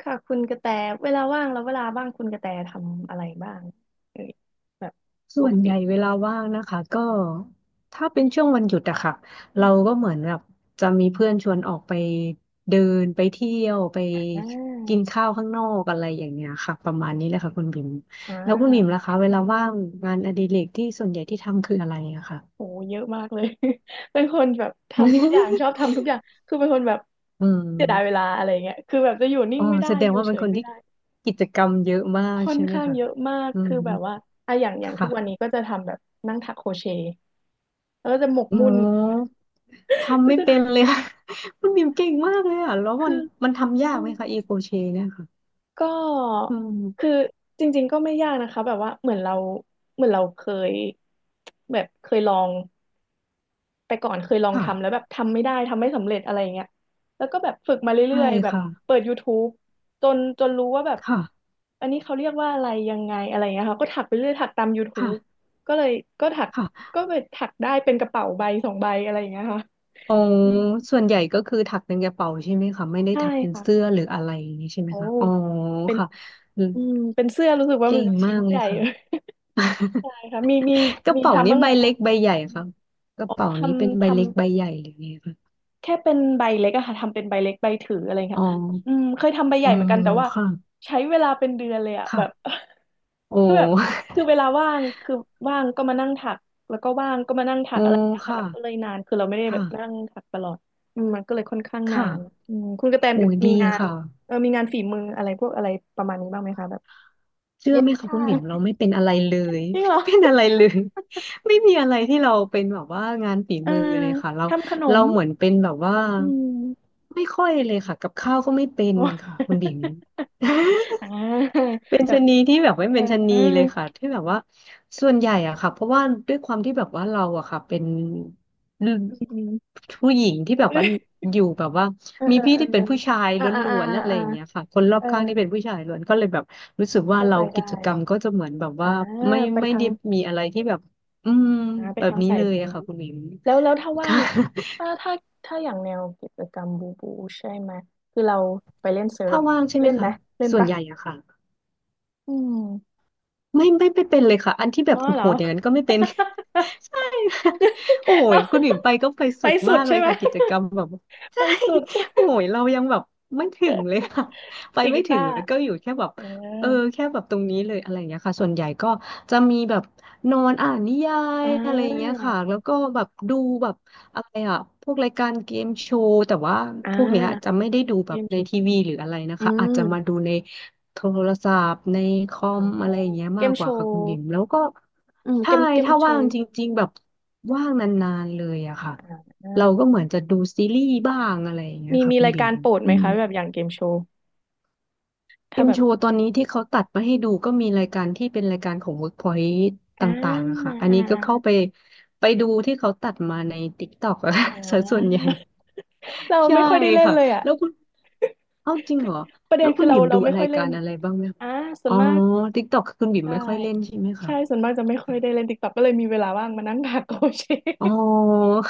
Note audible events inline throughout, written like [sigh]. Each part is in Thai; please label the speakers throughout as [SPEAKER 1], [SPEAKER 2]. [SPEAKER 1] ค่ะคุณกระแตเวลาว่างแล้วเวลาว่างคุณกระแตทำอะไรบ้างเอยแบบป
[SPEAKER 2] ส่ว
[SPEAKER 1] ก
[SPEAKER 2] นให
[SPEAKER 1] ติ
[SPEAKER 2] ญ่เวลาว่างนะคะก็ถ้าเป็นช่วงวันหยุดอะค่ะ
[SPEAKER 1] อ
[SPEAKER 2] เราก็
[SPEAKER 1] ม
[SPEAKER 2] เหมือนแบบจะมีเพื่อนชวนออกไปเดินไปเที่ยวไป
[SPEAKER 1] อ่
[SPEAKER 2] กิน
[SPEAKER 1] า
[SPEAKER 2] ข้าวข้างนอกอะไรอย่างเงี้ยค่ะประมาณนี้แหละค่ะคุณบิ่ม
[SPEAKER 1] อ่
[SPEAKER 2] แล้วคุณบิ่ม
[SPEAKER 1] า
[SPEAKER 2] ล่ะคะเวลาว่างงานอดิเรกที่ส่วนใหญ่ที่ทำคืออะไรอะค่ะ
[SPEAKER 1] โหเยอะมากเลย [laughs] เป็นคนแบบทำทุกอย่างชอบทำทุกอย่างคือเป็นคนแบบ
[SPEAKER 2] [laughs] อื
[SPEAKER 1] เสียดายเว
[SPEAKER 2] ม
[SPEAKER 1] ลาอะไรเงี้ยคือแบบจะอยู่นิ่
[SPEAKER 2] อ๋
[SPEAKER 1] ง
[SPEAKER 2] อ
[SPEAKER 1] ไม่ได้
[SPEAKER 2] แสด
[SPEAKER 1] อ
[SPEAKER 2] ง
[SPEAKER 1] ยู่
[SPEAKER 2] ว่า
[SPEAKER 1] เฉ
[SPEAKER 2] เป็น
[SPEAKER 1] ย
[SPEAKER 2] คน
[SPEAKER 1] ไม่
[SPEAKER 2] ที่
[SPEAKER 1] ได้
[SPEAKER 2] กิจกรรมเยอะมาก
[SPEAKER 1] ค่อน
[SPEAKER 2] ใช่ไหม
[SPEAKER 1] ข้าง
[SPEAKER 2] คะ
[SPEAKER 1] เยอะมาก
[SPEAKER 2] อื
[SPEAKER 1] คื
[SPEAKER 2] ม
[SPEAKER 1] อแบบว่าอะอย่างอย่างทุกวันนี้
[SPEAKER 2] ค่ะ
[SPEAKER 1] ก็จะทำแบบนั่งถักโครเชต์แล้วก็จะหมก
[SPEAKER 2] อ๋
[SPEAKER 1] มุ่น
[SPEAKER 2] อ
[SPEAKER 1] [laughs]
[SPEAKER 2] ทำ
[SPEAKER 1] ก็
[SPEAKER 2] ไม่
[SPEAKER 1] จะ
[SPEAKER 2] เป็นเลยค่ะ [laughs] คุณบิมเก่งมากเลยอ่ะแล้ว
[SPEAKER 1] คื
[SPEAKER 2] มัน
[SPEAKER 1] อ
[SPEAKER 2] มันทำยากไหมคะอีโคเชเนี่ยค่ะ
[SPEAKER 1] ก็
[SPEAKER 2] อืม
[SPEAKER 1] คือจริงๆก็ไม่ยากนะคะแบบว่าเหมือนเราเหมือนเราเคยแบบเคยลองไปก่อนเคยลอง
[SPEAKER 2] ค่ะ
[SPEAKER 1] ทำแล้วแบบทำไม่ได้ทำไม่สำเร็จอะไรอย่างเงี้ยแล้วก็แบบฝึกมา
[SPEAKER 2] ใช่
[SPEAKER 1] เรื่อยๆแบบ
[SPEAKER 2] ค่ะ
[SPEAKER 1] เปิด YouTube จนจนรู้ว่าแบบ
[SPEAKER 2] ค่ะ
[SPEAKER 1] อันนี้เขาเรียกว่าอะไรยังไงอะไรอย่างเงี้ยค่ะก็ถักไปเรื่อยถักตาม
[SPEAKER 2] ค่ะ
[SPEAKER 1] YouTube ก็เลยก็ถัก
[SPEAKER 2] ค่ะ
[SPEAKER 1] ก็ไปถักได้เป็นกระเป๋าใบสองใบอะไรอย่างเงี้ยค่ะ
[SPEAKER 2] อ๋อ
[SPEAKER 1] อืม
[SPEAKER 2] ส่วนใหญ่ก็คือถักเป็นกระเป๋าใช่ไหมคะไม่ได้
[SPEAKER 1] ใช่
[SPEAKER 2] ถักเป็นเสื้อ
[SPEAKER 1] ค่ะ
[SPEAKER 2] หรืออะไรอย่างนี้ใช่ไหม
[SPEAKER 1] โอ้
[SPEAKER 2] คะอ๋อ
[SPEAKER 1] เป็น
[SPEAKER 2] ค่ะอืม
[SPEAKER 1] อืมเป็นเสื้อรู้สึกว่า
[SPEAKER 2] เก่
[SPEAKER 1] มัน
[SPEAKER 2] ง
[SPEAKER 1] จะ
[SPEAKER 2] มา
[SPEAKER 1] ชิ้น
[SPEAKER 2] กเล
[SPEAKER 1] ให
[SPEAKER 2] ย
[SPEAKER 1] ญ่
[SPEAKER 2] ค่ะ
[SPEAKER 1] [laughs] เลย ใช่ค่ะมีมี
[SPEAKER 2] [laughs] กระ
[SPEAKER 1] มี
[SPEAKER 2] เป๋า
[SPEAKER 1] ทำ
[SPEAKER 2] นี้
[SPEAKER 1] บ้าง
[SPEAKER 2] ใบ
[SPEAKER 1] ไหม
[SPEAKER 2] เล็
[SPEAKER 1] คะ
[SPEAKER 2] กใบใหญ่ค่ะกระเป๋า
[SPEAKER 1] ท
[SPEAKER 2] นี้เป็น
[SPEAKER 1] ำ
[SPEAKER 2] ใบ
[SPEAKER 1] ทำ
[SPEAKER 2] เล็กใบใหญ่หรือไงคะ
[SPEAKER 1] แค่เป็นใบเล็กอะค่ะทำเป็นใบเล็กใบถืออะไร
[SPEAKER 2] อ๋อ
[SPEAKER 1] ค่ะอืมเคยทำใบให
[SPEAKER 2] อ๋
[SPEAKER 1] ญ่
[SPEAKER 2] อ
[SPEAKER 1] เหมือนกันแต่ว่า
[SPEAKER 2] ค่ะ
[SPEAKER 1] ใช้เวลาเป็นเดือนเลยอะแบบ
[SPEAKER 2] ค่ะโอ้
[SPEAKER 1] [laughs] คือแบบคือเวลาว่างคือว่างก็มานั่งถักแล้วก็ว่างก็มานั่ง
[SPEAKER 2] [laughs]
[SPEAKER 1] ถั
[SPEAKER 2] โอ้
[SPEAKER 1] กอะไรอย่างเงี้ยค่ะ
[SPEAKER 2] ค่ะ
[SPEAKER 1] มันก็เลยนานคือเราไม่ได้แบบนั่ง
[SPEAKER 2] ค่ะ
[SPEAKER 1] ถักตลอดอืมมันก็เลยค่อนข้างนา
[SPEAKER 2] ค่ะ
[SPEAKER 1] นอืมคุณกระแต
[SPEAKER 2] โอ้ยดี
[SPEAKER 1] มีงาน
[SPEAKER 2] ค่ะ
[SPEAKER 1] เออมีงานฝีมืออะไรพวกอะไรประมาณนี้บ้างไหมคะแบบ
[SPEAKER 2] เชื่อ
[SPEAKER 1] เย็
[SPEAKER 2] ไห
[SPEAKER 1] บ
[SPEAKER 2] มคะ
[SPEAKER 1] ผ้า
[SPEAKER 2] คุณ
[SPEAKER 1] [laughs]
[SPEAKER 2] บิ่มเราไม่เป็นอะไรเลย
[SPEAKER 1] จริ
[SPEAKER 2] [laughs]
[SPEAKER 1] งเหร
[SPEAKER 2] ไม่
[SPEAKER 1] อ
[SPEAKER 2] เป็นอะไรเลย [laughs] ไม่มีอะไรที่เราเป็นแบบว่างานฝี
[SPEAKER 1] เออ
[SPEAKER 2] มือเลยค่ะเรา
[SPEAKER 1] ทำขน
[SPEAKER 2] เรา
[SPEAKER 1] ม
[SPEAKER 2] เหมือนเป็นแบบว่า
[SPEAKER 1] อืม
[SPEAKER 2] ไม่ค่อยเลยค่ะกับข้าวก็ไม่
[SPEAKER 1] [laughs]
[SPEAKER 2] เป็น
[SPEAKER 1] โอ้
[SPEAKER 2] ค่ะคุณบิ่ม [laughs]
[SPEAKER 1] อ่า
[SPEAKER 2] เป็น
[SPEAKER 1] แบ
[SPEAKER 2] ชะ
[SPEAKER 1] บ
[SPEAKER 2] นีที่แบบไม่
[SPEAKER 1] เออ
[SPEAKER 2] เป็นชะ
[SPEAKER 1] [laughs] เ
[SPEAKER 2] นีเลยค่ะ
[SPEAKER 1] อ
[SPEAKER 2] ที่แบบว่าส่วนใหญ่อะค่ะเพราะว่าด้วยความที่แบบว่าเราอะค่ะเป็น
[SPEAKER 1] ออืม
[SPEAKER 2] ผู้หญิงที่แบบ
[SPEAKER 1] เ
[SPEAKER 2] ว่า
[SPEAKER 1] อ
[SPEAKER 2] อยู่แบบว่า
[SPEAKER 1] อเออ
[SPEAKER 2] มี
[SPEAKER 1] เอ
[SPEAKER 2] พี่ที่เป็น
[SPEAKER 1] อ
[SPEAKER 2] ผู้ชาย
[SPEAKER 1] อ่า
[SPEAKER 2] ล
[SPEAKER 1] อ่า
[SPEAKER 2] ้
[SPEAKER 1] อ่า
[SPEAKER 2] วนๆและอะไร
[SPEAKER 1] อ่า
[SPEAKER 2] อย่างเงี้ยค่ะคนรอ
[SPEAKER 1] เอ
[SPEAKER 2] บ
[SPEAKER 1] อ
[SPEAKER 2] ข้างที่เป็นผู้ชายล้วนก็เลยแบบรู้สึกว่า
[SPEAKER 1] เข้า
[SPEAKER 2] เรา
[SPEAKER 1] ใจ
[SPEAKER 2] กิ
[SPEAKER 1] ได้
[SPEAKER 2] จกรรมก็จะเหมือนแบบ
[SPEAKER 1] อ่า
[SPEAKER 2] ว่าไม่
[SPEAKER 1] ไป
[SPEAKER 2] ไม่
[SPEAKER 1] ทา
[SPEAKER 2] ได้
[SPEAKER 1] ง
[SPEAKER 2] มีอะไรที่แบบอืม
[SPEAKER 1] อ่าไป
[SPEAKER 2] แบบ
[SPEAKER 1] ทาง
[SPEAKER 2] นี้
[SPEAKER 1] สาย
[SPEAKER 2] เลย
[SPEAKER 1] บู
[SPEAKER 2] อะค่ะคุณหมิง
[SPEAKER 1] แล้วแล้วถ้าว่า
[SPEAKER 2] ค่ะ
[SPEAKER 1] งถ้าถ้าถ้าอย่างแนวกิจกรรมบูบูใช่ไหม คือเราไปเล่นเซิ
[SPEAKER 2] [laughs]
[SPEAKER 1] ร์
[SPEAKER 2] ถ้า
[SPEAKER 1] ฟ
[SPEAKER 2] ว่างใช่ไหม
[SPEAKER 1] เล่นไหม
[SPEAKER 2] คะ
[SPEAKER 1] เล่น
[SPEAKER 2] ส่วน
[SPEAKER 1] ปะ
[SPEAKER 2] ใหญ่อะค่ะ
[SPEAKER 1] อืม
[SPEAKER 2] ไม่เป็นเลยค่ะอันที่แบ
[SPEAKER 1] อ๋อ
[SPEAKER 2] บ
[SPEAKER 1] เหร
[SPEAKER 2] โห
[SPEAKER 1] อ
[SPEAKER 2] ดๆอย่างนั้นก็ไม่เป็น [laughs] ใช่ค่ะโอ้
[SPEAKER 1] [laughs]
[SPEAKER 2] ย
[SPEAKER 1] เนาะ
[SPEAKER 2] คุณหวิมไปก็ไป
[SPEAKER 1] ไป
[SPEAKER 2] สุด
[SPEAKER 1] สุ
[SPEAKER 2] มา
[SPEAKER 1] ด
[SPEAKER 2] กเล
[SPEAKER 1] ใช่
[SPEAKER 2] ย
[SPEAKER 1] ไหม
[SPEAKER 2] ค่ะกิจกรรมแบบ [laughs]
[SPEAKER 1] ไป
[SPEAKER 2] ใช่
[SPEAKER 1] สุด [laughs] ใ
[SPEAKER 2] โอ้ยเรายังแบบไม่ถึงเลยค่ะไป
[SPEAKER 1] ดีด
[SPEAKER 2] ไม่
[SPEAKER 1] กี
[SPEAKER 2] ถึ
[SPEAKER 1] ตา
[SPEAKER 2] ง
[SPEAKER 1] ร์
[SPEAKER 2] แล้วก็อยู่แค่แบบ
[SPEAKER 1] เออ
[SPEAKER 2] เออแค่แบบตรงนี้เลยอะไรอย่างเงี้ยค่ะส่วนใหญ่ก็จะมีแบบนอนอ่านนิยา
[SPEAKER 1] อ่
[SPEAKER 2] ยอะไรอย่างเงี้ยค่ะ
[SPEAKER 1] า
[SPEAKER 2] แล้วก็แบบดูแบบอะไรอ่ะพวกรายการเกมโชว์แต่ว่า
[SPEAKER 1] อ่
[SPEAKER 2] พวกเนี้ยจะ
[SPEAKER 1] า
[SPEAKER 2] ไม่ได้ดู
[SPEAKER 1] เก
[SPEAKER 2] แบบ
[SPEAKER 1] มโช
[SPEAKER 2] ใน
[SPEAKER 1] ว์
[SPEAKER 2] ทีวีหรืออะไรนะ
[SPEAKER 1] อื
[SPEAKER 2] คะอาจ
[SPEAKER 1] ม
[SPEAKER 2] จะมาดูใน โทรศัพท์ในคอ
[SPEAKER 1] อ๋อ
[SPEAKER 2] มอะไรอย่างเงี้ย
[SPEAKER 1] เก
[SPEAKER 2] มา
[SPEAKER 1] ม
[SPEAKER 2] กก
[SPEAKER 1] โช
[SPEAKER 2] ว่าค่ะ
[SPEAKER 1] ว์
[SPEAKER 2] คุณบิ่มแล้วก็
[SPEAKER 1] อืมเก
[SPEAKER 2] ใช่
[SPEAKER 1] มเกม
[SPEAKER 2] ถ้า
[SPEAKER 1] โช
[SPEAKER 2] ว่าง
[SPEAKER 1] ว์
[SPEAKER 2] จริงๆแบบว่างนานๆเลยอะค่ะเราก็
[SPEAKER 1] อ่า
[SPEAKER 2] เหมือนจะดูซีรีส์บ้างอะไรอย่างเงี้ย
[SPEAKER 1] มี
[SPEAKER 2] ค่ะ
[SPEAKER 1] มี
[SPEAKER 2] คุณ
[SPEAKER 1] ราย
[SPEAKER 2] บิ่
[SPEAKER 1] กา
[SPEAKER 2] ม
[SPEAKER 1] รโปรด
[SPEAKER 2] อื
[SPEAKER 1] ไหม
[SPEAKER 2] ม
[SPEAKER 1] คะแบบอย่างเกมโชว์
[SPEAKER 2] เอ็
[SPEAKER 1] ถ้า
[SPEAKER 2] ม
[SPEAKER 1] แบ
[SPEAKER 2] โช
[SPEAKER 1] บ
[SPEAKER 2] ว์ตอนนี้ที่เขาตัดมาให้ดูก็มีรายการที่เป็นรายการของ Workpoint ต
[SPEAKER 1] อ่า
[SPEAKER 2] ่างๆอะค่ะอัน
[SPEAKER 1] อ่า
[SPEAKER 2] นี้ก็เข้าไปไปดูที่เขาตัดมาใน TikTok อะ
[SPEAKER 1] อ่า
[SPEAKER 2] [laughs] ส่วน [laughs] ส่วนใหญ่
[SPEAKER 1] [laughs] เรา
[SPEAKER 2] ใช่
[SPEAKER 1] ไม่ค่อยได้เล่น
[SPEAKER 2] ค่ะ
[SPEAKER 1] เลยอ่ะ
[SPEAKER 2] แล้วคุณเอ้าจริง
[SPEAKER 1] คือ
[SPEAKER 2] เหรอ
[SPEAKER 1] ประเด็
[SPEAKER 2] แล้
[SPEAKER 1] น
[SPEAKER 2] วคุ
[SPEAKER 1] คือ
[SPEAKER 2] ณ
[SPEAKER 1] เรา
[SPEAKER 2] บิ่ม
[SPEAKER 1] เรา
[SPEAKER 2] ดู
[SPEAKER 1] ไม่
[SPEAKER 2] อะไร
[SPEAKER 1] ค่อยเล่
[SPEAKER 2] กา
[SPEAKER 1] น
[SPEAKER 2] รอะไรบ้างไหมคะ
[SPEAKER 1] อ่าส่
[SPEAKER 2] อ๋
[SPEAKER 1] วน
[SPEAKER 2] อ
[SPEAKER 1] มาก
[SPEAKER 2] ติ๊กต็อกคุณบิ่ม
[SPEAKER 1] ได้
[SPEAKER 2] ไม่ค่อยเล่นใช่ไหมคะ
[SPEAKER 1] ใช่ส่วนมากจะไม่ค่อ
[SPEAKER 2] ค่ะ
[SPEAKER 1] ยได้เล่นติ๊กต็อกก็เลยมีเวลาว่างมานั่งหา [laughs] โกเช
[SPEAKER 2] อ๋อ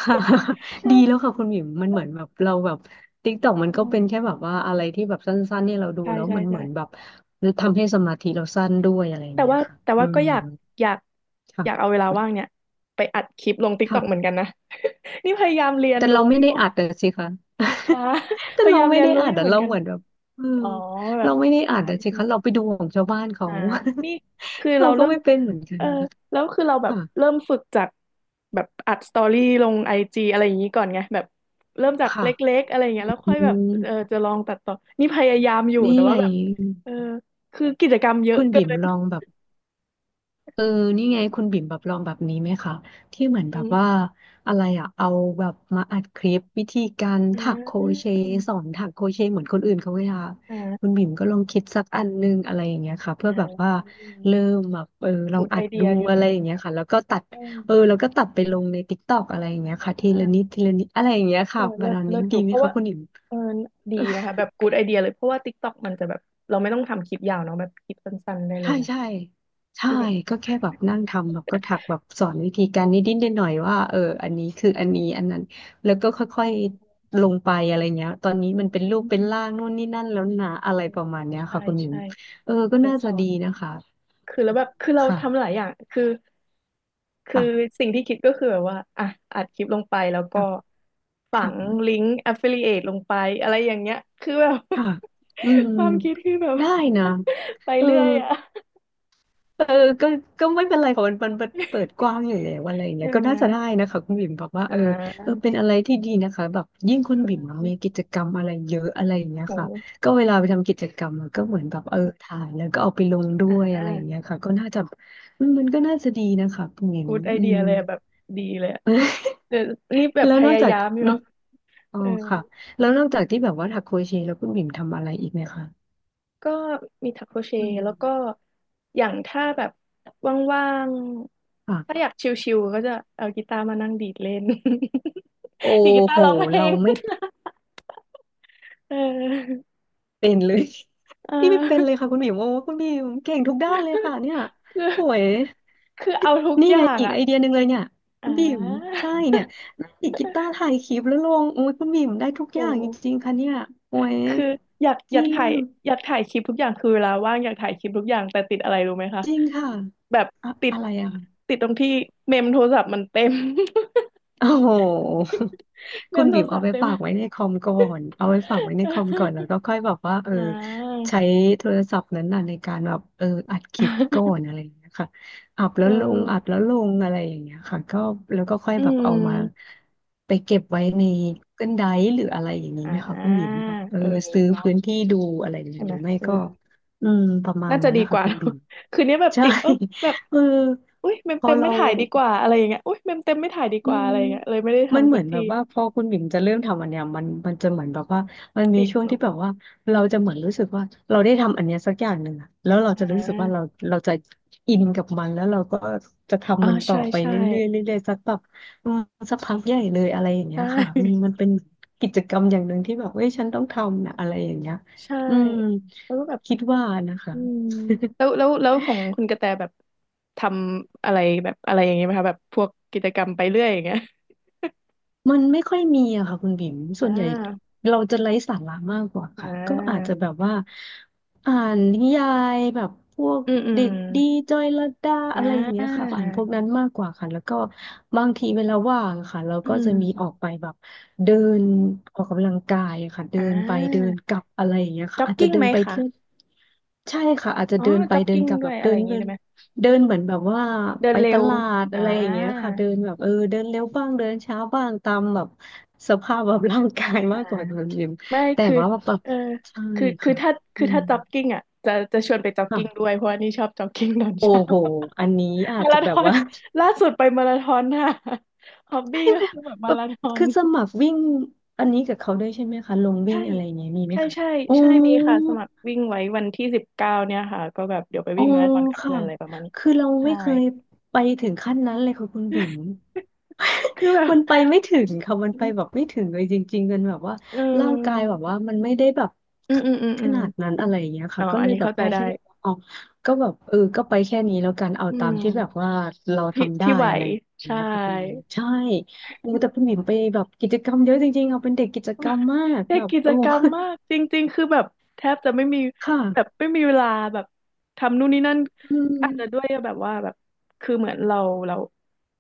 [SPEAKER 2] ค่ะ [laughs] ดีแล้ว
[SPEAKER 1] ใช่
[SPEAKER 2] ค่ะคุณบิ่มมันเหมือนแบบเราแบบติ๊กต็อกมัน
[SPEAKER 1] อื
[SPEAKER 2] ก็เป็น
[SPEAKER 1] ม
[SPEAKER 2] แค่แบบว่าอะไรที่แบบสั้นๆเนี่ยเราดู
[SPEAKER 1] ใช่
[SPEAKER 2] แล้ว
[SPEAKER 1] ใช่
[SPEAKER 2] มันเหมือนแบ
[SPEAKER 1] ใช่
[SPEAKER 2] บทำให้สมาธิเราสั้นด้วยอะไรอย่าง
[SPEAKER 1] แต่
[SPEAKER 2] เงี้ย
[SPEAKER 1] ว่า
[SPEAKER 2] ค่ะ
[SPEAKER 1] แต่
[SPEAKER 2] อื
[SPEAKER 1] ว่าก็
[SPEAKER 2] ม
[SPEAKER 1] อยากอยากอยากเอา
[SPEAKER 2] ค
[SPEAKER 1] เวลาว่างเนี่ยไปอัดคลิปลงติ๊กต็อกเหมือน
[SPEAKER 2] ่ะ
[SPEAKER 1] กันนะ นี่พยายามเรียน
[SPEAKER 2] แต่
[SPEAKER 1] รู้
[SPEAKER 2] เราไม่
[SPEAKER 1] อยู่
[SPEAKER 2] ได้อัดอะสิคะ
[SPEAKER 1] อ่า
[SPEAKER 2] [laughs] แต่
[SPEAKER 1] พยา
[SPEAKER 2] เรา
[SPEAKER 1] ยาม
[SPEAKER 2] ไม่
[SPEAKER 1] เรียน
[SPEAKER 2] ได้
[SPEAKER 1] รู้
[SPEAKER 2] อั
[SPEAKER 1] อ
[SPEAKER 2] ด
[SPEAKER 1] ยู่
[SPEAKER 2] อะ
[SPEAKER 1] เหมือน
[SPEAKER 2] เรา
[SPEAKER 1] กัน
[SPEAKER 2] เหมือนแบบเออ
[SPEAKER 1] อ๋อแบ
[SPEAKER 2] เรา
[SPEAKER 1] บ
[SPEAKER 2] ไม่ได้อั
[SPEAKER 1] ถ่า
[SPEAKER 2] ด
[SPEAKER 1] ย
[SPEAKER 2] อะสิ
[SPEAKER 1] ใช่ไหม
[SPEAKER 2] คะเราไปดูของชาวบ้านเขา
[SPEAKER 1] อ่านี่คือ
[SPEAKER 2] [laughs] เรา
[SPEAKER 1] เรา
[SPEAKER 2] ก็
[SPEAKER 1] เริ่ม
[SPEAKER 2] ไม่เป็นเหมือนกั
[SPEAKER 1] เอ
[SPEAKER 2] น
[SPEAKER 1] อแล้วคือเราแบบ
[SPEAKER 2] ค่ะ
[SPEAKER 1] เริ่มฝึกจากแบบอัดสตอรี่ลงไอจีอะไรอย่างนี้ก่อนไงแบบเริ่มจากเล็
[SPEAKER 2] ค่ะ
[SPEAKER 1] กๆอะไรอย่างเงี้ยแล้ว
[SPEAKER 2] อื
[SPEAKER 1] ค่อยแบบเออ
[SPEAKER 2] ม
[SPEAKER 1] จะลองตัดต่อนี่พยายามอยู่
[SPEAKER 2] นี่
[SPEAKER 1] แต่ว่า
[SPEAKER 2] ไง
[SPEAKER 1] แบบเออคือกิจกรรมเยอะ
[SPEAKER 2] คุณ
[SPEAKER 1] เกิ
[SPEAKER 2] บิ่ม
[SPEAKER 1] น
[SPEAKER 2] ลองแบบ เออนี่ไงคุณบิ่มแบบลองแบบนี้ไหมคะที่
[SPEAKER 1] อื
[SPEAKER 2] เหมือนแบบว่า
[SPEAKER 1] ม
[SPEAKER 2] อะไรอะเอาแบบมาอัดคลิปวิธีการ
[SPEAKER 1] อ่
[SPEAKER 2] ถักโคร
[SPEAKER 1] า
[SPEAKER 2] เชต์สอนถักโครเชต์เหมือนคนอื่นเขาเวลาคุณ
[SPEAKER 1] อ่า
[SPEAKER 2] บิ่มก็ลองคิดสักอันนึงอะไรอย่างเงี้ยค่ะเพื่
[SPEAKER 1] อ่
[SPEAKER 2] อแบบว่า
[SPEAKER 1] า
[SPEAKER 2] เริ่มแบบเออลอ
[SPEAKER 1] กู
[SPEAKER 2] ง
[SPEAKER 1] ด
[SPEAKER 2] อั
[SPEAKER 1] ไอ
[SPEAKER 2] ด
[SPEAKER 1] เดี
[SPEAKER 2] ดู
[SPEAKER 1] ยอยู่
[SPEAKER 2] อะไร
[SPEAKER 1] นะ
[SPEAKER 2] อย่างเงี้ยค่ะแล้วก็ตัด
[SPEAKER 1] อื
[SPEAKER 2] เออ
[SPEAKER 1] ม
[SPEAKER 2] แล้วก็ตัดไปลงใน t ิกตอกอะไรอย่างเงี้ย
[SPEAKER 1] อ
[SPEAKER 2] ค่ะทีละนิด
[SPEAKER 1] ่า
[SPEAKER 2] ทีละนิดอะไรอย่างเงี้ย
[SPEAKER 1] เอ
[SPEAKER 2] ค่ะ
[SPEAKER 1] อ
[SPEAKER 2] ป
[SPEAKER 1] เลิ
[SPEAKER 2] ระ
[SPEAKER 1] ศ
[SPEAKER 2] มาณ
[SPEAKER 1] เลิ
[SPEAKER 2] นี้
[SPEAKER 1] ศอ
[SPEAKER 2] ดี
[SPEAKER 1] ยู่
[SPEAKER 2] ไห
[SPEAKER 1] เพ
[SPEAKER 2] ม
[SPEAKER 1] ราะ
[SPEAKER 2] คะ
[SPEAKER 1] ว่า
[SPEAKER 2] คุณบิ่ม
[SPEAKER 1] เออดีนะคะแบบกูดไอเดียเลยเพราะว่า TikTok มันจะแบบเราไม่ต้องทำคลิปยาวเนาะแบบคลิปสั้นๆได้เลย
[SPEAKER 2] ใช่
[SPEAKER 1] นะ
[SPEAKER 2] ใช่ใช่
[SPEAKER 1] คือแบบ
[SPEAKER 2] ก็แค่แบบนั่งทำแบบก็ถักแบบสอนวิธีการนิดนิดหน่อยๆว่าเอออันนี้คืออันนี้อันนั้นแล้วก็ค่อยๆลงไปอะไรเงี้ยตอนนี้
[SPEAKER 1] อื
[SPEAKER 2] มันเป็นรูปเป็นร่าง
[SPEAKER 1] ม
[SPEAKER 2] นู่นนี่นั่นแล้วนะอะไรประมาณเนี้ย
[SPEAKER 1] ใช่
[SPEAKER 2] ค่ะคุณหมิว
[SPEAKER 1] ใช่
[SPEAKER 2] เออ
[SPEAKER 1] ก็
[SPEAKER 2] ก็
[SPEAKER 1] จะ
[SPEAKER 2] น่า
[SPEAKER 1] ส
[SPEAKER 2] จะ
[SPEAKER 1] อ
[SPEAKER 2] ดี
[SPEAKER 1] น
[SPEAKER 2] นะคะ
[SPEAKER 1] คือแล้วแบบคือเราทำห
[SPEAKER 2] ค่ะ
[SPEAKER 1] ลายอย่างคือคือ
[SPEAKER 2] ค่ะ
[SPEAKER 1] สิ่งที่คิดก็คือแบบว่าอ่ะอัดคลิปลงไปแล้วก็
[SPEAKER 2] ค่ะ
[SPEAKER 1] ฝัง
[SPEAKER 2] ค่ะ
[SPEAKER 1] ลิงก์ affiliate ลงไปอะไรอย่างเงี้ยคือแบบ
[SPEAKER 2] ค่ะอืม
[SPEAKER 1] [laughs] ความคิดคือแบบ
[SPEAKER 2] ได้นะ
[SPEAKER 1] [laughs] ไป
[SPEAKER 2] เออ
[SPEAKER 1] เรื่อยอะ
[SPEAKER 2] เออก็ก็ไม่เป็นไรค่ะมันเปิดกว้างอยู่แล้วอะไรอย่างเงี้
[SPEAKER 1] ใช่
[SPEAKER 2] ยก็
[SPEAKER 1] ไหม
[SPEAKER 2] น่าจะได้นะคะคุณบิ่มบอกว่า
[SPEAKER 1] อ่
[SPEAKER 2] เออ
[SPEAKER 1] า
[SPEAKER 2] เป็นอะไรที่ดีนะคะแบบยิ่งคุณบิ่มอะมีกิจกรรมอะไรเยอะอะไรอย่างเงี้ยค่ะ
[SPEAKER 1] โห
[SPEAKER 2] ก็เวลาไปทำกิจกรรมอะก็เหมือนแบบเออถ่ายแล้วก็เอาไปลงด้
[SPEAKER 1] อ่
[SPEAKER 2] วยอะไรอย่างเงี้
[SPEAKER 1] า
[SPEAKER 2] ยค่ะก็น่าจะมันก็น่าจะดีนะคะคุณบิ่ม
[SPEAKER 1] กูดไอ
[SPEAKER 2] อื
[SPEAKER 1] เดีย
[SPEAKER 2] ม
[SPEAKER 1] เลยอะแบบดีเลยอะ
[SPEAKER 2] [laughs]
[SPEAKER 1] เดี๋ยวนี่แบบ
[SPEAKER 2] แล้ว
[SPEAKER 1] พ
[SPEAKER 2] นอก
[SPEAKER 1] ยา
[SPEAKER 2] จาก
[SPEAKER 1] ยามอยู่
[SPEAKER 2] นอกอ๋อ
[SPEAKER 1] เออ
[SPEAKER 2] ค่ะแล้วนอกจากที่แบบว่าถักโครเชต์แล้วคุณบิ่มทำอะไรอีกไหมคะ
[SPEAKER 1] ก็มีถักโครเช
[SPEAKER 2] อื
[SPEAKER 1] ต์
[SPEAKER 2] ม
[SPEAKER 1] แล้วก็อย่างถ้าแบบว่างๆถ้าอ
[SPEAKER 2] ค่ะ
[SPEAKER 1] ยากชิลๆก็จะเอากีตาร์มานั่งดีดเล่น
[SPEAKER 2] โอ้
[SPEAKER 1] [laughs] ดีดกีตา
[SPEAKER 2] โห
[SPEAKER 1] ร์ร้องเพล
[SPEAKER 2] เรา
[SPEAKER 1] ง
[SPEAKER 2] ไม่
[SPEAKER 1] เออ
[SPEAKER 2] เป็นเลย
[SPEAKER 1] เอ
[SPEAKER 2] นี่ไม่เป็นเลย
[SPEAKER 1] อ
[SPEAKER 2] ค่ะคุณหมิวโอ้คุณหมิวเก่งทุกด้านเลยค่ะเนี่ย
[SPEAKER 1] คือ
[SPEAKER 2] โอ้ย
[SPEAKER 1] คือเอาทุก
[SPEAKER 2] นี่
[SPEAKER 1] อย่า
[SPEAKER 2] ไง
[SPEAKER 1] ง
[SPEAKER 2] อีก
[SPEAKER 1] อ่ะ
[SPEAKER 2] ไอเดียหนึ่งเลยเนี่ย
[SPEAKER 1] อ่
[SPEAKER 2] คุณบิ่ม
[SPEAKER 1] า
[SPEAKER 2] ใช่เนี่ยนั่งดีดกีตาร์ถ่ายคลิปแล้วลงโอ้ยคุณบิ่มได้ทุก
[SPEAKER 1] โอ
[SPEAKER 2] อย่างจริ
[SPEAKER 1] ้
[SPEAKER 2] งๆค่ะเนี่ยโอ้ย
[SPEAKER 1] คืออยาก
[SPEAKER 2] จ
[SPEAKER 1] อยา
[SPEAKER 2] ริ
[SPEAKER 1] ก
[SPEAKER 2] ง
[SPEAKER 1] ถ่ายอยากถ่ายคลิปทุกอย่างคือเวลาว่างอยากถ่ายคลิปทุกอย่างแต่ติดอะไรรู้ไหมคะ
[SPEAKER 2] จริงค่ะ
[SPEAKER 1] แบบ
[SPEAKER 2] อะ
[SPEAKER 1] ติด
[SPEAKER 2] อะไรอะ
[SPEAKER 1] ติดตรงที่เมมโทรศัพท์มันเต็ม
[SPEAKER 2] โอ้โห
[SPEAKER 1] [laughs] เม
[SPEAKER 2] คุ
[SPEAKER 1] ม
[SPEAKER 2] ณ
[SPEAKER 1] โท
[SPEAKER 2] บิ่
[SPEAKER 1] ร
[SPEAKER 2] ม
[SPEAKER 1] ศั
[SPEAKER 2] เอา
[SPEAKER 1] พท์
[SPEAKER 2] ไป
[SPEAKER 1] เต็ม
[SPEAKER 2] ฝากไว้ในคอมก่อนเอาไว้ฝากไว้ในคอมก่อนแล้ว
[SPEAKER 1] [laughs]
[SPEAKER 2] ก็ค่อยแบบว่าเออ
[SPEAKER 1] อ่า
[SPEAKER 2] ใช้โทรศัพท์นั้นน่ะในการแบบเอออัดคลิปก่อ
[SPEAKER 1] [laughs]
[SPEAKER 2] นอะไรอย่างเงี้ยค่ะอัดแล้
[SPEAKER 1] เอ
[SPEAKER 2] วลงอัด
[SPEAKER 1] อ
[SPEAKER 2] แล้วลงอะไรอย่างเงี้ยค่ะก็แล้วก็ค่อย
[SPEAKER 1] อื
[SPEAKER 2] แบบเอามา
[SPEAKER 1] ม
[SPEAKER 2] ไปเก็บไว้ใน Google Drive หรืออะไรอย่างนี้
[SPEAKER 1] อ่
[SPEAKER 2] ไหมคะคุณ
[SPEAKER 1] า
[SPEAKER 2] บิ่มแบบเออ
[SPEAKER 1] เออ
[SPEAKER 2] ซื้อพื้น
[SPEAKER 1] เนาะ
[SPEAKER 2] ที่ดูอะไรอย่างเงี้
[SPEAKER 1] ใช่
[SPEAKER 2] ยห
[SPEAKER 1] ไหม
[SPEAKER 2] รือไม่
[SPEAKER 1] เออ
[SPEAKER 2] ก็อืมประมาณ
[SPEAKER 1] น่าจะ
[SPEAKER 2] นั้น
[SPEAKER 1] ดี
[SPEAKER 2] นะ
[SPEAKER 1] ก
[SPEAKER 2] คะ
[SPEAKER 1] ว่า [laughs]
[SPEAKER 2] คุ
[SPEAKER 1] เน
[SPEAKER 2] ณ
[SPEAKER 1] อะ
[SPEAKER 2] บิ่ม
[SPEAKER 1] คืนนี้แบบ
[SPEAKER 2] ใช่
[SPEAKER 1] ติดเอ้ยแบบ
[SPEAKER 2] [laughs] เออ
[SPEAKER 1] อุ้ยเมม
[SPEAKER 2] พอ
[SPEAKER 1] เต็มไม่
[SPEAKER 2] เรา
[SPEAKER 1] ถ่ายดีกว่าอะไรอย่างเงี้ยอุ้ยเมมเต็มไม่ถ่ายดี
[SPEAKER 2] อื
[SPEAKER 1] กว่าอะ
[SPEAKER 2] ม
[SPEAKER 1] ไรอย่างเงี้ยเลยไม่ได้
[SPEAKER 2] มัน
[SPEAKER 1] ทำ
[SPEAKER 2] เห
[SPEAKER 1] สั
[SPEAKER 2] มื
[SPEAKER 1] ก
[SPEAKER 2] อนแบ
[SPEAKER 1] ที
[SPEAKER 2] บว่าพอคุณบิ่มจะเริ่มทำอันเนี้ยมันจะเหมือนแบบว่ามันมี
[SPEAKER 1] ติด
[SPEAKER 2] ช่วงที่
[SPEAKER 1] เนาะ
[SPEAKER 2] แบบว่าเราจะเหมือนรู้สึกว่าเราได้ทำอันเนี้ยสักอย่างหนึ่งอะแล้วเราจะ
[SPEAKER 1] อ่า
[SPEAKER 2] รู้สึกว่าเราจะอินกับมันแล้วเราก็จะ
[SPEAKER 1] อ่า
[SPEAKER 2] ทำมันต่อ
[SPEAKER 1] ใช่
[SPEAKER 2] ไป
[SPEAKER 1] ใช่
[SPEAKER 2] เรื่อยๆเรื่อยๆสักแบบอืมสักพักใหญ่เลยอะไรอย่างเงี้ยค่ะอื
[SPEAKER 1] ใช่
[SPEAKER 2] มมันเป็นกิจกรรมอย่างหนึ่งที่แบบเอ้ยฉันต้องทำนะอะไรอย่างเงี้ย
[SPEAKER 1] ใช่
[SPEAKER 2] อืม
[SPEAKER 1] แล้วก็แบบ
[SPEAKER 2] คิดว่านะคะ
[SPEAKER 1] อืมแล้วแล้วแล้วของคุณกระแตแบบทำอะไรแบบอะไรอย่างเงี้ยไหมคะแบบพวกกิจกรรมไปเรื่อยอย่างเงี้ย
[SPEAKER 2] มันไม่ค่อยมีอะค่ะคุณบิ๋มส่
[SPEAKER 1] อ่
[SPEAKER 2] วนใหญ่
[SPEAKER 1] า
[SPEAKER 2] เราจะไร้สาระมากกว่า
[SPEAKER 1] อ่
[SPEAKER 2] ค่ะก็อาจ
[SPEAKER 1] า
[SPEAKER 2] จะแบบว่าอ่านนิยายแบบพวก
[SPEAKER 1] อืมอืม
[SPEAKER 2] เด็
[SPEAKER 1] อ
[SPEAKER 2] กดี
[SPEAKER 1] ม
[SPEAKER 2] จอยลดดา
[SPEAKER 1] อ่
[SPEAKER 2] อะไรอย่างเงี้ย
[SPEAKER 1] า
[SPEAKER 2] ค่ะอ่านพวกนั้นมากกว่าค่ะแล้วก็บางทีเวลาว่างอะค่ะเรา
[SPEAKER 1] อื
[SPEAKER 2] ก็จะมีออก
[SPEAKER 1] ม
[SPEAKER 2] ไปแบบเดินออกกำลังกายอะค่ะเดิ
[SPEAKER 1] อ่
[SPEAKER 2] นไปเดิ
[SPEAKER 1] า
[SPEAKER 2] นกลับอะไรอย่างเงี้ยค่ะ
[SPEAKER 1] จ็อก
[SPEAKER 2] อาจจะ
[SPEAKER 1] กิ้ง
[SPEAKER 2] เดิ
[SPEAKER 1] ไหม
[SPEAKER 2] นไป
[SPEAKER 1] คะ
[SPEAKER 2] เที่ยวใช่ค่ะอาจจะ
[SPEAKER 1] อ๋อ
[SPEAKER 2] เดินไป
[SPEAKER 1] จ็อก
[SPEAKER 2] เดิน
[SPEAKER 1] กิ้ง
[SPEAKER 2] กลับ
[SPEAKER 1] ด้
[SPEAKER 2] แบ
[SPEAKER 1] วย
[SPEAKER 2] บ
[SPEAKER 1] อะ
[SPEAKER 2] เดิ
[SPEAKER 1] ไรอ
[SPEAKER 2] น
[SPEAKER 1] ย่างงี้
[SPEAKER 2] เดิ
[SPEAKER 1] ได้
[SPEAKER 2] น
[SPEAKER 1] ไหม
[SPEAKER 2] เดินเหมือนแบบว่า
[SPEAKER 1] เดิ
[SPEAKER 2] ไป
[SPEAKER 1] นเร็
[SPEAKER 2] ต
[SPEAKER 1] ว
[SPEAKER 2] ลาด
[SPEAKER 1] อ่
[SPEAKER 2] อะไรอย่างเงี้ย
[SPEAKER 1] า
[SPEAKER 2] ค่ะเดินแบบเออเดินเร็วบ้างเดินช้าบ้างตามแบบสภาพแบบร่างกาย
[SPEAKER 1] อ่า
[SPEAKER 2] มากกว่าความจริง
[SPEAKER 1] ไม่
[SPEAKER 2] แต่
[SPEAKER 1] คือ
[SPEAKER 2] ว่าแบบ
[SPEAKER 1] เออ
[SPEAKER 2] ใช่ค่ะ
[SPEAKER 1] ถ้า
[SPEAKER 2] อืม
[SPEAKER 1] ถ้าจ็อกกิ้งอ่ะจะชวนไปจ็อกกิ้งด้
[SPEAKER 2] ค่ะ
[SPEAKER 1] วยเพราะว่านี่ชอบจ็อกกิ้งตอนเช้า [laughs] มาราธ
[SPEAKER 2] แต่
[SPEAKER 1] อน
[SPEAKER 2] ว่า
[SPEAKER 1] ล่าสุดไปมาราธอนค่ะ [laughs] ฮอบ
[SPEAKER 2] [laughs]
[SPEAKER 1] บี้
[SPEAKER 2] ใช่
[SPEAKER 1] ก็
[SPEAKER 2] ไหม
[SPEAKER 1] คือแบบ
[SPEAKER 2] แบ
[SPEAKER 1] มา
[SPEAKER 2] บ
[SPEAKER 1] ราธอน
[SPEAKER 2] คือสมัครวิ่งอันนี้กับเขาด้วยใช่ไหมคะลงวิ่
[SPEAKER 1] ใช่
[SPEAKER 2] งอะไรอย่างเงี้ยมีไหม
[SPEAKER 1] ใช่
[SPEAKER 2] คะ
[SPEAKER 1] ใช่
[SPEAKER 2] โอ้
[SPEAKER 1] ใช่มีค่ะสมัครวิ่งไว้วันที่19เนี่ยค่ะก็แบบเดี๋ยวไป
[SPEAKER 2] อ๋อ
[SPEAKER 1] วิ่งมาราธอนกับ
[SPEAKER 2] ค่ะ
[SPEAKER 1] เพื่อนอะไรประมาณนี้
[SPEAKER 2] คือเรา
[SPEAKER 1] ใช่
[SPEAKER 2] ไม่เคยไปถึงขั้นนั้นเลยค่ะคุณบิ่ม
[SPEAKER 1] คือแบ
[SPEAKER 2] [laughs]
[SPEAKER 1] บ
[SPEAKER 2] มันไปไม่ถึงค่ะมันไปแบบไม่ถึงเลยจริงๆมันแบบว่า
[SPEAKER 1] เอ
[SPEAKER 2] ร่างกาย
[SPEAKER 1] อ
[SPEAKER 2] แบบว่ามันไม่ได้แบบ
[SPEAKER 1] อืมอืมอืม
[SPEAKER 2] ข
[SPEAKER 1] อืม
[SPEAKER 2] นาดนั้นอะไรอย่างเงี้ย
[SPEAKER 1] อ๋อ
[SPEAKER 2] ค่ะก็
[SPEAKER 1] อั
[SPEAKER 2] เล
[SPEAKER 1] น
[SPEAKER 2] ย
[SPEAKER 1] นี้
[SPEAKER 2] แบบ
[SPEAKER 1] เข้าใจ
[SPEAKER 2] ได้
[SPEAKER 1] ได้
[SPEAKER 2] แค่แบบว่าอ๋อาก็แบบเออก็ไปแค่นี้แล้วกันเอา
[SPEAKER 1] อื
[SPEAKER 2] ตามที่แบบ
[SPEAKER 1] ม
[SPEAKER 2] ว่าเรา
[SPEAKER 1] ที่
[SPEAKER 2] ทำได้
[SPEAKER 1] ที่ไหว
[SPEAKER 2] อะไรอย่าง
[SPEAKER 1] ใช่
[SPEAKER 2] เงี้ยค่ะคุณบิ่มใช่โอ้แต่คุณบิ่มไปแบบกิจกรรมเยอะจริงๆเอาเป็นเด็กกิจกรรมมาก
[SPEAKER 1] เด็
[SPEAKER 2] แบ
[SPEAKER 1] ก
[SPEAKER 2] บ
[SPEAKER 1] กิจ
[SPEAKER 2] โอ้
[SPEAKER 1] กรรมมากจริงๆ คือแบบแทบจะไม่มี
[SPEAKER 2] [laughs] ค่ะ
[SPEAKER 1] แบบไม่มีเวลาแบบทำนู่นนี่นั่น
[SPEAKER 2] อืม
[SPEAKER 1] อาจจะด้วยแบบว่าแบบคือเหมือนเรา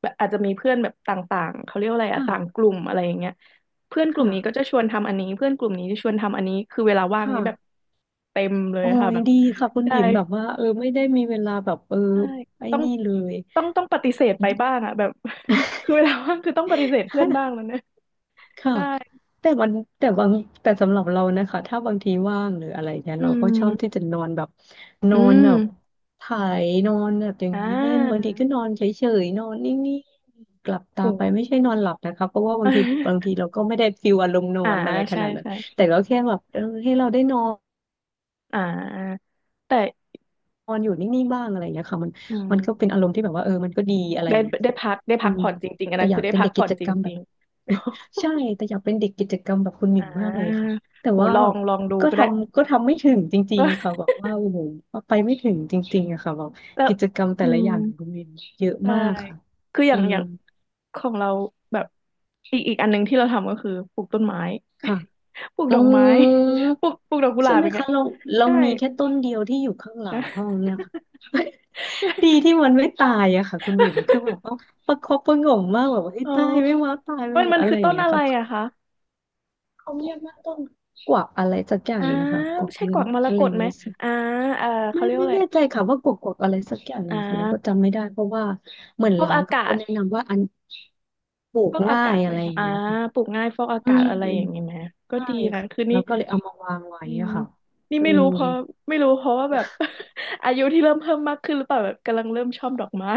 [SPEAKER 1] แบบอาจจะมีเพื่อนแบบต่างๆเขาเรียกว่าอะไรอะต่าง
[SPEAKER 2] ค่ะ
[SPEAKER 1] กลุ่มอะไรอย่างเงี้ยเพื่อนกลุ่
[SPEAKER 2] ค่ะ
[SPEAKER 1] มนี้ก็จะชวนทำอันนี้เพื่อนกลุ่มนี้จะชวนทำอันนี้คือเวลาว่า
[SPEAKER 2] ค
[SPEAKER 1] งนี้แบบ
[SPEAKER 2] ่ะ
[SPEAKER 1] เต็มเลย
[SPEAKER 2] โอ้
[SPEAKER 1] ค่ะ
[SPEAKER 2] ย
[SPEAKER 1] แบบ
[SPEAKER 2] ดีค่ะคุณ
[SPEAKER 1] ใช่
[SPEAKER 2] บิ่มแบบว่าเออไม่ได้มีเวลาแบบเออ
[SPEAKER 1] ใช่
[SPEAKER 2] ไอ้
[SPEAKER 1] ต้อง
[SPEAKER 2] นี่เลย
[SPEAKER 1] ต้องปฏิเสธไปบ้างอะแบบ [laughs] คือเวลาว่างคือต้องปฏิเสธเพื่อน
[SPEAKER 2] [laughs]
[SPEAKER 1] บ้างแล้วเนี่ย
[SPEAKER 2] ค่ะ
[SPEAKER 1] ใช่
[SPEAKER 2] แต่มันแต่บางแต่สำหรับเรานะคะถ้าบางทีว่างหรืออะไรเนี่ย
[SPEAKER 1] อื
[SPEAKER 2] เราก็ชอบที่
[SPEAKER 1] ม
[SPEAKER 2] จะนอนแบบน
[SPEAKER 1] อื
[SPEAKER 2] อนแบบ
[SPEAKER 1] ม
[SPEAKER 2] ไถ่ายนอนแบบอย่าง
[SPEAKER 1] อ่
[SPEAKER 2] นี้เล่นบาง
[SPEAKER 1] า
[SPEAKER 2] ทีก็นอนเฉยๆนอนนิ่งๆกลับตาไปไม่
[SPEAKER 1] โห
[SPEAKER 2] ใช่นอนหลับนะคะเพราะว่าบางทีบาง
[SPEAKER 1] [laughs]
[SPEAKER 2] ทีเราก็ไม่ได้ฟิลอารมณ์นอ
[SPEAKER 1] อ่า
[SPEAKER 2] นอะไรข
[SPEAKER 1] ใช่
[SPEAKER 2] นาดนั้น
[SPEAKER 1] ใช่
[SPEAKER 2] แต่ก็แค่แบบเออให้เราได้นอน
[SPEAKER 1] อ่าแต่
[SPEAKER 2] นอนอยู่นิ่งๆบ้างอะไรอย่างเงี้ยค่ะมัน
[SPEAKER 1] อื
[SPEAKER 2] มันก็
[SPEAKER 1] ม
[SPEAKER 2] เป็นอารมณ์ที่แบบว่าเออมันก็ดีอะไรอ
[SPEAKER 1] ได้
[SPEAKER 2] ย่างเงี้ย
[SPEAKER 1] ได้
[SPEAKER 2] ค่ะ
[SPEAKER 1] พักได้
[SPEAKER 2] อื
[SPEAKER 1] พัก
[SPEAKER 2] ม
[SPEAKER 1] ผ่อนจริงๆอัน
[SPEAKER 2] แต่
[SPEAKER 1] นั้น
[SPEAKER 2] อ
[SPEAKER 1] คื
[SPEAKER 2] ยา
[SPEAKER 1] อ
[SPEAKER 2] ก
[SPEAKER 1] ได้
[SPEAKER 2] เป็น
[SPEAKER 1] พั
[SPEAKER 2] เด็
[SPEAKER 1] ก
[SPEAKER 2] ก
[SPEAKER 1] ผ่
[SPEAKER 2] กิ
[SPEAKER 1] อน
[SPEAKER 2] จ
[SPEAKER 1] จ
[SPEAKER 2] กรรมแบ
[SPEAKER 1] ริ
[SPEAKER 2] บ
[SPEAKER 1] ง
[SPEAKER 2] [laughs] ใช่แต่อยากเป็นเด็กกิจกรรมแบบคุณห
[SPEAKER 1] ๆ [laughs] อ่
[SPEAKER 2] มิ่งมากเลยค่ะ
[SPEAKER 1] า
[SPEAKER 2] แต่
[SPEAKER 1] โห
[SPEAKER 2] ว่า
[SPEAKER 1] ลอ
[SPEAKER 2] แบ
[SPEAKER 1] ง
[SPEAKER 2] บ
[SPEAKER 1] ลองดู
[SPEAKER 2] ก็
[SPEAKER 1] ก็ได้
[SPEAKER 2] ทำก็ทำไม่ถึงจริงๆค่ะแบ
[SPEAKER 1] [laughs]
[SPEAKER 2] บว่าโอ้โหไปไม่ถึงจริงๆอะค่ะแบบ
[SPEAKER 1] แล้ว
[SPEAKER 2] กิจกรรมแต่
[SPEAKER 1] อื
[SPEAKER 2] ละอย่างของ
[SPEAKER 1] ม
[SPEAKER 2] คุณหมิ่งเยอะ
[SPEAKER 1] ใช่
[SPEAKER 2] มากค่ะ
[SPEAKER 1] คืออย่า
[SPEAKER 2] อื
[SPEAKER 1] งอ
[SPEAKER 2] ม
[SPEAKER 1] ย่างของเราแบบอีกอันหนึงที่เราทำก็คือปลูกต้นไม้
[SPEAKER 2] ค่ะ
[SPEAKER 1] [laughs] ปลูก
[SPEAKER 2] อื
[SPEAKER 1] ดอกไม้
[SPEAKER 2] ม
[SPEAKER 1] [laughs] ปลูกดอกกุห
[SPEAKER 2] ใช่
[SPEAKER 1] ลาบ
[SPEAKER 2] ไหม
[SPEAKER 1] อย่างเงี้
[SPEAKER 2] คะ
[SPEAKER 1] ย
[SPEAKER 2] เรา
[SPEAKER 1] ใช่
[SPEAKER 2] มีแค่ต้นเดียวที่อยู่ข้างหลั
[SPEAKER 1] นะ
[SPEAKER 2] งห้องเนี่ยค่ะ [laughs] ดีที่มันไม่ตายอะค่ะคุณบิ๋มคือแบบว่า
[SPEAKER 1] [laughs]
[SPEAKER 2] ประคบประหงมมากแบบว่าไอ้ย
[SPEAKER 1] อ๋อ
[SPEAKER 2] ตายไม่ว่าตายไม่
[SPEAKER 1] มัน
[SPEAKER 2] ว่า
[SPEAKER 1] มัน
[SPEAKER 2] อะไร
[SPEAKER 1] คือ
[SPEAKER 2] อย่า
[SPEAKER 1] ต้
[SPEAKER 2] ง
[SPEAKER 1] น
[SPEAKER 2] เงี้ย
[SPEAKER 1] อะ
[SPEAKER 2] ค
[SPEAKER 1] ไร
[SPEAKER 2] รับ
[SPEAKER 1] อะคะ
[SPEAKER 2] เขาเรียกว่าต้นกวักอะไรสักอย่าง
[SPEAKER 1] อ่า
[SPEAKER 2] หนึงนะคะกวั
[SPEAKER 1] ไม่
[SPEAKER 2] ก
[SPEAKER 1] ใช่ก
[SPEAKER 2] เงิน
[SPEAKER 1] วักมร
[SPEAKER 2] อะ
[SPEAKER 1] ก
[SPEAKER 2] ไรอ
[SPEAKER 1] ต
[SPEAKER 2] ย่าง
[SPEAKER 1] ไหม
[SPEAKER 2] เงี้ยสิ
[SPEAKER 1] อ่าเออเขา
[SPEAKER 2] ไม่
[SPEAKER 1] เรียก
[SPEAKER 2] ไม่
[SPEAKER 1] ว่าอะไร
[SPEAKER 2] แน่ใจค่ะว่ากวักอะไรสักอย่างห
[SPEAKER 1] อ่
[SPEAKER 2] นึงค่ะเราก็
[SPEAKER 1] า
[SPEAKER 2] จำไม่ได้เพราะว่าเหมือน
[SPEAKER 1] ฟอก
[SPEAKER 2] ร้าน
[SPEAKER 1] อา
[SPEAKER 2] เขา
[SPEAKER 1] กา
[SPEAKER 2] ก็
[SPEAKER 1] ศ
[SPEAKER 2] แนะนำว่าอันปลูก
[SPEAKER 1] ฟอกอา
[SPEAKER 2] ง่า
[SPEAKER 1] กา
[SPEAKER 2] ย
[SPEAKER 1] ศไห
[SPEAKER 2] อะ
[SPEAKER 1] ม
[SPEAKER 2] ไรอ
[SPEAKER 1] คะ
[SPEAKER 2] ย่าง
[SPEAKER 1] อ่า
[SPEAKER 2] เงี้ยค่ะ
[SPEAKER 1] ปลูกง่ายฟอกอา
[SPEAKER 2] อื
[SPEAKER 1] กาศ
[SPEAKER 2] ม
[SPEAKER 1] อะไรอย่างนี้ไหมก็
[SPEAKER 2] ใช่
[SPEAKER 1] ดีนะ
[SPEAKER 2] ค่ะ
[SPEAKER 1] คือนี่
[SPEAKER 2] เราก็เลยเอามาวางไว้
[SPEAKER 1] อืม
[SPEAKER 2] อะค่ะ
[SPEAKER 1] นี่
[SPEAKER 2] อืม
[SPEAKER 1] ไม่รู้เพราะว่าแบบ [laughs] อายุที่เริ่มเพิ่มมากขึ้นหรือเปล่าแบบกำลังเริ่มชอบดอกไม้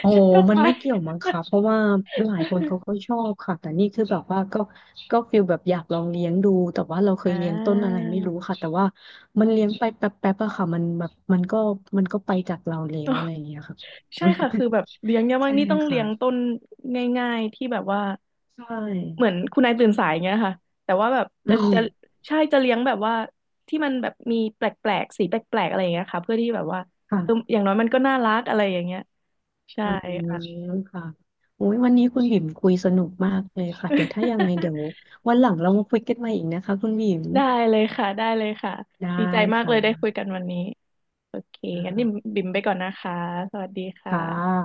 [SPEAKER 2] โอ้
[SPEAKER 1] ชอบดอก
[SPEAKER 2] มัน
[SPEAKER 1] ไม้
[SPEAKER 2] ไม่เกี่ยวมั้งคะเพราะว่าหลายคนเขาก็ชอบค่ะแต่นี่คือแบบว่าก็ฟีลแบบอยากลองเลี้ยงดูแต่ว่าเราเค
[SPEAKER 1] [laughs] อ่
[SPEAKER 2] ยเลี้ยงต้นอะไร
[SPEAKER 1] า
[SPEAKER 2] ไม่รู้ค่ะ แต่ว่ามันเลี้ยงไปแป๊บๆอะค่ะมันแบบมันก็ไปจากเราแล้วอะไรอย่างเงี้ยค่ะ
[SPEAKER 1] [laughs] ใช่ค่ะคือแบบเลี้ยง
[SPEAKER 2] [laughs]
[SPEAKER 1] เนี่าง
[SPEAKER 2] ใช่
[SPEAKER 1] นี่ต้องเลี้
[SPEAKER 2] ค่ะ
[SPEAKER 1] ยงต้นง่ายๆที่แบบว่า
[SPEAKER 2] ใช่
[SPEAKER 1] เหมือนคุณนายตื่นสายอย่างเงี้ยค่ะแต่ว่าแบบ
[SPEAKER 2] อื
[SPEAKER 1] จะ
[SPEAKER 2] ม
[SPEAKER 1] จะใช่จะเลี้ยงแบบว่าที่มันแบบมีแปลกๆสีแปลกๆอะไรอย่างเงี้ยค่ะเพื่อที่แบบว่าเอออ
[SPEAKER 2] ค่ะ
[SPEAKER 1] ย่างน้อยมันก็น่ารักอะไรอย่างเงี้ยใช่
[SPEAKER 2] อืม
[SPEAKER 1] ค่ะ
[SPEAKER 2] ค่ะโอ้ยวันนี้คุณบิ่มคุยสนุกมากเลยค่ะเดี๋ยวถ้ายังไงเดี๋ยว
[SPEAKER 1] [laughs]
[SPEAKER 2] วันหลังเรามาคุยกันใหม่อีกนะคะคุณบิ่ม
[SPEAKER 1] ได้เลยค่ะได้เลยค่ะ
[SPEAKER 2] ได้
[SPEAKER 1] ดีใจมากเล
[SPEAKER 2] ค่ะ
[SPEAKER 1] ยได้คุยกันวันนี้โอเคงั้นนี่
[SPEAKER 2] อ่า
[SPEAKER 1] บิ่มไปก่อนนะคะสวัสดีค่
[SPEAKER 2] ค่ะ
[SPEAKER 1] ะ